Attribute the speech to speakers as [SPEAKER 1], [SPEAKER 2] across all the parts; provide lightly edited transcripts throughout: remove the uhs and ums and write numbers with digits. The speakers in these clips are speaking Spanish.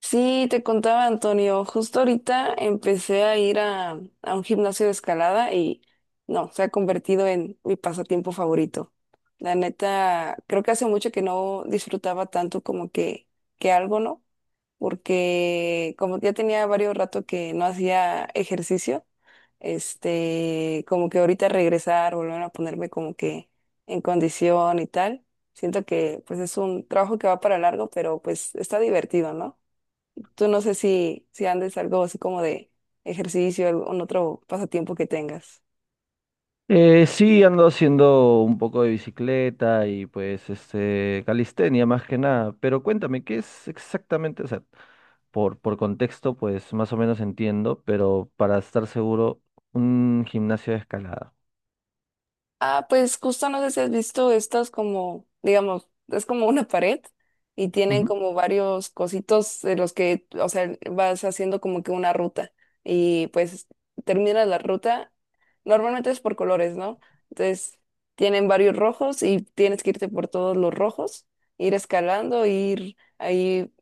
[SPEAKER 1] Sí, te contaba Antonio, justo ahorita empecé a ir a un gimnasio de escalada y no, se ha convertido en mi pasatiempo favorito. La neta, creo que hace mucho que no disfrutaba tanto que algo, ¿no? Porque como ya tenía varios rato que no hacía ejercicio, como que ahorita regresar, volver a ponerme como que en condición y tal. Siento que pues es un trabajo que va para largo, pero pues está divertido, ¿no? Tú no sé si andes algo así como de ejercicio, algún otro pasatiempo que tengas.
[SPEAKER 2] Sí, ando haciendo un poco de bicicleta y pues este calistenia más que nada, pero cuéntame, ¿qué es exactamente? O sea, por contexto, pues más o menos entiendo, pero para estar seguro, un gimnasio de escalada.
[SPEAKER 1] Ah, pues justo no sé si has visto estas como, digamos, es como una pared y tienen
[SPEAKER 2] Ujú,
[SPEAKER 1] como varios cositos de los que, o sea, vas haciendo como que una ruta y pues terminas la ruta, normalmente es por colores, ¿no? Entonces tienen varios rojos y tienes que irte por todos los rojos, ir escalando, ir ahí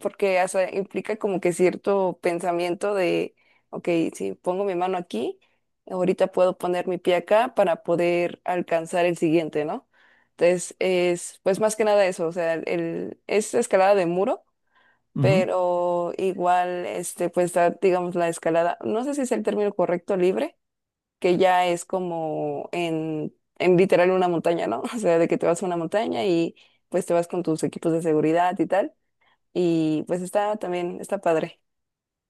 [SPEAKER 1] porque o sea, implica como que cierto pensamiento de, ok, si pongo mi mano aquí, ahorita puedo poner mi pie acá para poder alcanzar el siguiente, ¿no? Entonces, es pues más que nada eso, o sea, el, es escalada de muro,
[SPEAKER 2] ujú.
[SPEAKER 1] pero igual, pues está, digamos, la escalada, no sé si es el término correcto, libre, que ya es como en literal una montaña, ¿no? O sea, de que te vas a una montaña y pues te vas con tus equipos de seguridad y tal y pues está también, está padre.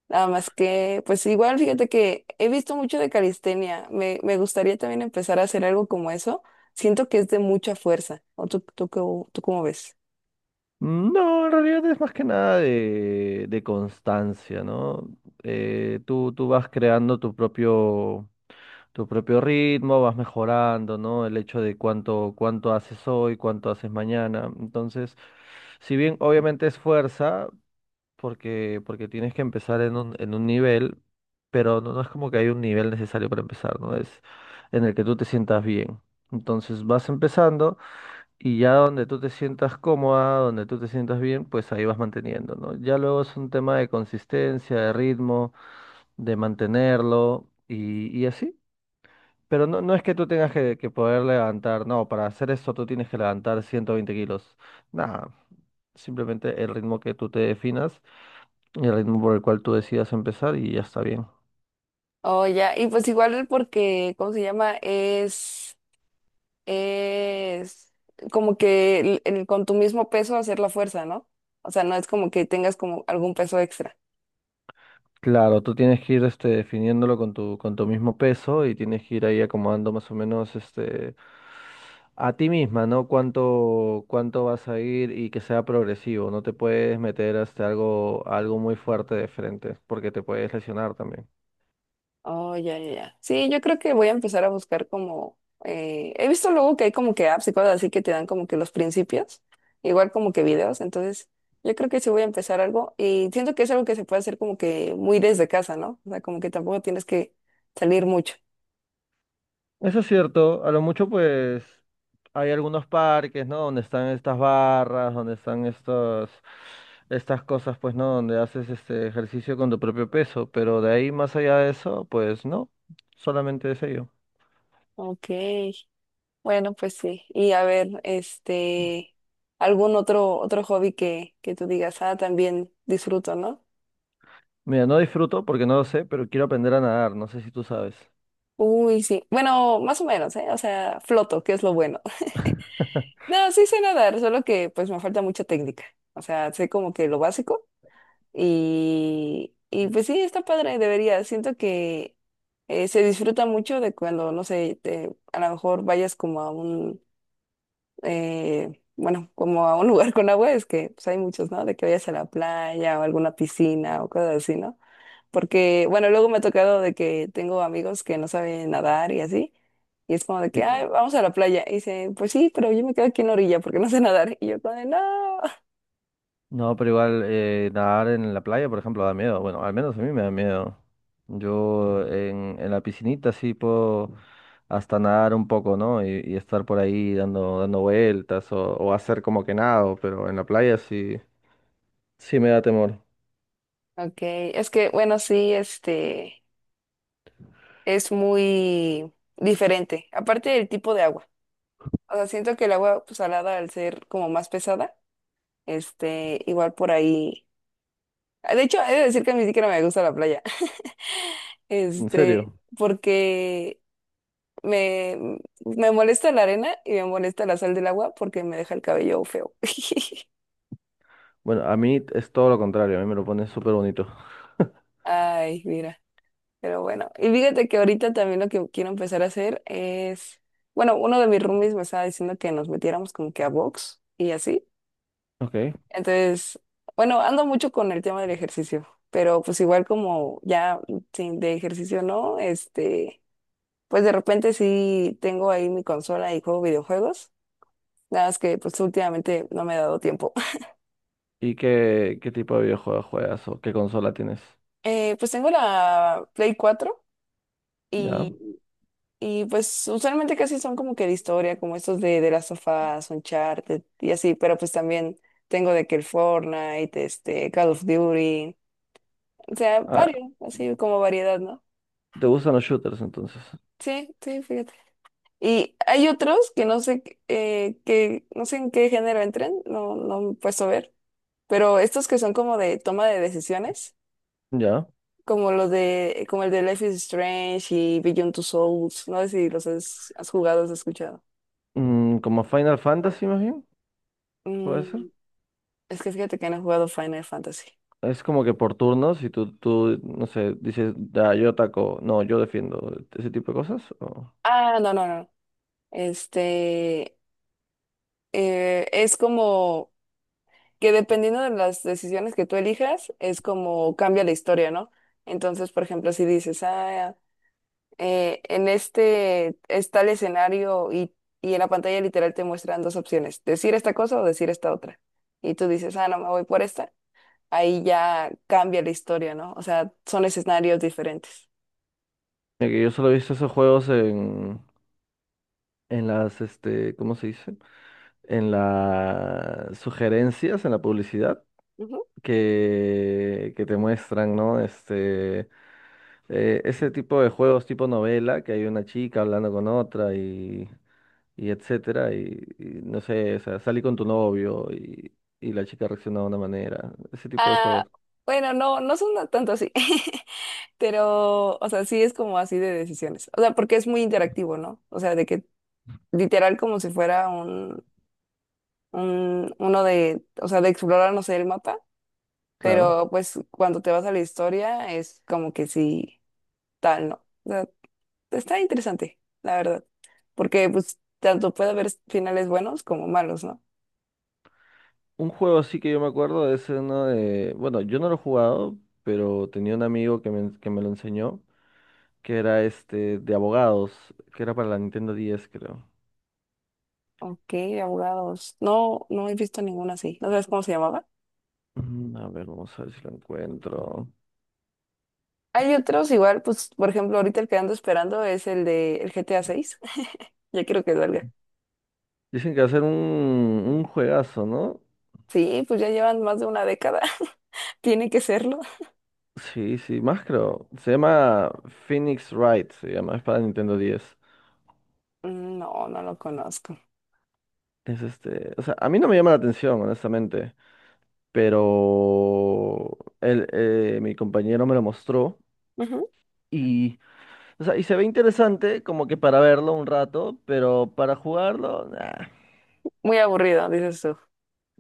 [SPEAKER 1] Nada más que, pues igual, fíjate que he visto mucho de calistenia. Me gustaría también empezar a hacer algo como eso. Siento que es de mucha fuerza. ¿O tú cómo ves?
[SPEAKER 2] No, en realidad es más que nada de, de constancia, ¿no? Tú vas creando tu propio ritmo, vas mejorando, ¿no? El hecho de cuánto, cuánto haces hoy, cuánto haces mañana. Entonces, si bien obviamente es fuerza, porque tienes que empezar en un nivel, pero no, no es como que hay un nivel necesario para empezar, ¿no? Es en el que tú te sientas bien. Entonces vas empezando y ya donde tú te sientas cómoda, donde tú te sientas bien, pues ahí vas manteniendo, ¿no? Ya luego es un tema de consistencia, de ritmo, de mantenerlo y así. Pero no, no es que tú tengas que poder levantar, no, para hacer eso tú tienes que levantar 120 kilos. Nada, simplemente el ritmo que tú te definas y el ritmo por el cual tú decidas empezar y ya está bien.
[SPEAKER 1] Oh, ya. Y pues igual porque, ¿cómo se llama? Es como que con tu mismo peso hacer la fuerza, ¿no? O sea, no es como que tengas como algún peso extra.
[SPEAKER 2] Claro, tú tienes que ir este, definiéndolo con tu mismo peso y tienes que ir ahí acomodando más o menos este, a ti misma, ¿no? Cuánto, cuánto vas a ir y que sea progresivo. No te puedes meter hasta algo, algo muy fuerte de frente porque te puedes lesionar también.
[SPEAKER 1] Oh, ya, ya, ya. Sí, yo creo que voy a empezar a buscar como, he visto luego que hay como que apps y cosas así que te dan como que los principios, igual como que videos, entonces yo creo que sí voy a empezar algo y siento que es algo que se puede hacer como que muy desde casa, ¿no? O sea, como que tampoco tienes que salir mucho.
[SPEAKER 2] Eso es cierto, a lo mucho pues hay algunos parques, ¿no? Donde están estas barras, donde están estos, estas cosas, pues, ¿no? Donde haces este ejercicio con tu propio peso, pero de ahí más allá de eso, pues no, solamente es ello.
[SPEAKER 1] Ok, bueno, pues sí. Y a ver, algún otro hobby que tú digas, ah, también disfruto, ¿no?
[SPEAKER 2] Mira, no disfruto porque no lo sé, pero quiero aprender a nadar, no sé si tú sabes.
[SPEAKER 1] Uy, sí. Bueno, más o menos, ¿eh? O sea, floto, que es lo bueno. No, sí sé nadar, solo que pues me falta mucha técnica. O sea, sé como que lo básico y pues sí, está padre, debería. Siento que se disfruta mucho de cuando, no sé, a lo mejor vayas como a un, bueno, como a un lugar con agua, es que pues hay muchos, ¿no? De que vayas a la playa o alguna piscina o cosas así, ¿no? Porque, bueno, luego me ha tocado de que tengo amigos que no saben nadar y así. Y es como de que, ay,
[SPEAKER 2] ¿Y,
[SPEAKER 1] vamos a la playa. Y dicen, pues sí, pero yo me quedo aquí en la orilla porque no sé nadar. Y yo como de, no.
[SPEAKER 2] No, pero igual nadar en la playa, por ejemplo, da miedo. Bueno, al menos a mí me da miedo. Yo en la piscinita sí puedo hasta nadar un poco, ¿no? Y estar por ahí dando, dando vueltas o hacer como que nado, pero en la playa sí, sí me da temor.
[SPEAKER 1] Ok, es que, bueno, sí, es muy diferente. Aparte del tipo de agua. O sea, siento que el agua pues, salada, al ser como más pesada, igual por ahí. De hecho, he de decir que ni siquiera me gusta la playa.
[SPEAKER 2] ¿En
[SPEAKER 1] Este,
[SPEAKER 2] serio?
[SPEAKER 1] porque Me, me molesta la arena y me molesta la sal del agua porque me deja el cabello feo.
[SPEAKER 2] Bueno, a mí es todo lo contrario, a mí me lo pone súper bonito.
[SPEAKER 1] Ay, mira, pero bueno. Y fíjate que ahorita también lo que quiero empezar a hacer es, bueno, uno de mis roomies me estaba diciendo que nos metiéramos como que a box y así.
[SPEAKER 2] Ok.
[SPEAKER 1] Entonces, bueno, ando mucho con el tema del ejercicio, pero pues igual como ya sin de ejercicio no, pues de repente sí tengo ahí mi consola y juego videojuegos. Nada más que pues últimamente no me he dado tiempo.
[SPEAKER 2] ¿Y qué, qué tipo de videojuegos juegas o qué consola tienes?
[SPEAKER 1] Pues tengo la Play 4
[SPEAKER 2] Ya.
[SPEAKER 1] y, y pues usualmente casi son como que de historia, como estos de las sofás, Uncharted y así, pero pues también tengo de que el Fortnite, Call of Duty, o sea,
[SPEAKER 2] Ah,
[SPEAKER 1] varios, así como variedad, ¿no?
[SPEAKER 2] ¿te gustan los shooters entonces?
[SPEAKER 1] Sí, sí, fíjate. Y hay otros que no sé, que no sé en qué género entren, no, no me he puesto a ver, pero estos que son como de toma de decisiones
[SPEAKER 2] Ya.
[SPEAKER 1] como los de, como el de Life is Strange y Beyond Two Souls. No sé si has jugado, has escuchado.
[SPEAKER 2] Mm, como Final Fantasy más bien. ¿Puede ser?
[SPEAKER 1] Mm, es que fíjate que no he jugado Final Fantasy.
[SPEAKER 2] Es como que por turnos, y tú, no sé, dices, ya, yo ataco, no, yo defiendo, ese tipo de cosas. O...
[SPEAKER 1] Ah, no, no, no. Este, es como que dependiendo de las decisiones que tú elijas, es como cambia la historia, ¿no? Entonces, por ejemplo, si dices, ah, en este está el escenario y en la pantalla literal te muestran dos opciones, decir esta cosa o decir esta otra. Y tú dices, ah, no, me voy por esta ahí ya cambia la historia, ¿no? O sea, son escenarios diferentes.
[SPEAKER 2] Mira que yo solo he visto esos juegos en las, este, ¿cómo se dice? En las sugerencias, en la publicidad,
[SPEAKER 1] Ujú.
[SPEAKER 2] que te muestran, ¿no? Este, ese tipo de juegos tipo novela, que hay una chica hablando con otra y etcétera, y no sé, o sea, salí con tu novio y la chica reacciona de una manera, ese tipo de
[SPEAKER 1] Ah,
[SPEAKER 2] juegos,
[SPEAKER 1] bueno, no, no son tanto así, pero, o sea, sí es como así de decisiones. O sea, porque es muy interactivo, ¿no? O sea, de que literal como si fuera uno de, o sea, de explorar, no sé, el mapa,
[SPEAKER 2] claro.
[SPEAKER 1] pero pues cuando te vas a la historia es como que sí, tal, ¿no? O sea, está interesante, la verdad, porque pues tanto puede haber finales buenos como malos, ¿no?
[SPEAKER 2] Un juego así que yo me acuerdo es uno de... Bueno, yo no lo he jugado, pero tenía un amigo que me lo enseñó, que era este de abogados, que era para la Nintendo 10 creo.
[SPEAKER 1] Ok, de abogados. No, no he visto ninguna así. ¿No sabes cómo se llamaba?
[SPEAKER 2] Mm, a ver, vamos a ver si lo encuentro.
[SPEAKER 1] Hay otros igual, pues, por ejemplo, ahorita el que ando esperando es el de el GTA 6. Ya quiero que salga.
[SPEAKER 2] Dicen que va a ser un juegazo, ¿no?
[SPEAKER 1] Sí, pues ya llevan más de una década. Tiene que serlo.
[SPEAKER 2] Sí, sí, más creo. Se llama Phoenix Wright, se llama, es para Nintendo 10.
[SPEAKER 1] Mm, no, no lo conozco.
[SPEAKER 2] Es este, o sea, a mí no me llama la atención, honestamente, pero él, mi compañero me lo mostró.
[SPEAKER 1] Ujú.
[SPEAKER 2] O sea, y se ve interesante como que para verlo un rato, pero para jugarlo, nah.
[SPEAKER 1] Muy aburrido, dices tú.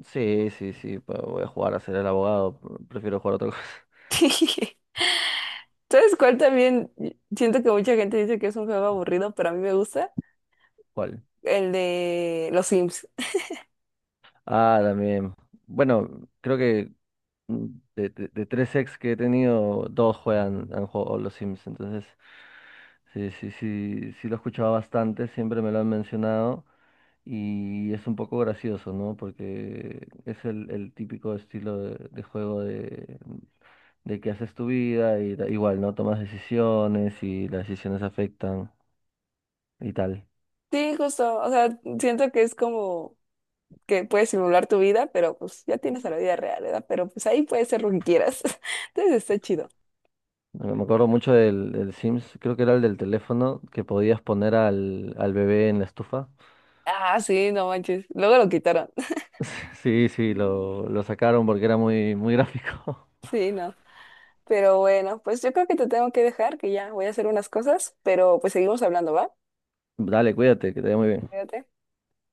[SPEAKER 2] Sí, sí, sí, voy a jugar a ser el abogado, prefiero jugar otra cosa.
[SPEAKER 1] ¿Sabes cuál también? Siento que mucha gente dice que es un juego aburrido, pero a mí me gusta.
[SPEAKER 2] ¿Cuál?
[SPEAKER 1] El de los Sims.
[SPEAKER 2] Ah, también. Bueno, creo que mm, de tres ex que he tenido, han jugado los Sims, entonces sí, sí, sí, sí lo escuchaba bastante, siempre me lo han mencionado. Y es un poco gracioso, ¿no? Porque es el típico estilo de juego de que haces tu vida y igual, ¿no? Tomas decisiones y las decisiones afectan y tal.
[SPEAKER 1] Sí, justo. O sea, siento que es como que puedes simular tu vida, pero pues ya tienes a la vida real, ¿verdad? Pero pues ahí puedes ser lo que quieras. Entonces está chido.
[SPEAKER 2] Me acuerdo mucho del, del Sims, creo que era el del teléfono, que podías poner al, al bebé en la estufa.
[SPEAKER 1] Ah, sí, no manches. Luego lo quitaron.
[SPEAKER 2] Sí, sí, lo sacaron porque era muy, muy gráfico.
[SPEAKER 1] Sí, no. Pero bueno, pues yo creo que te tengo que dejar, que ya voy a hacer unas cosas, pero pues seguimos hablando, ¿va?
[SPEAKER 2] Dale, cuídate, que te vaya muy bien.
[SPEAKER 1] Cuídate.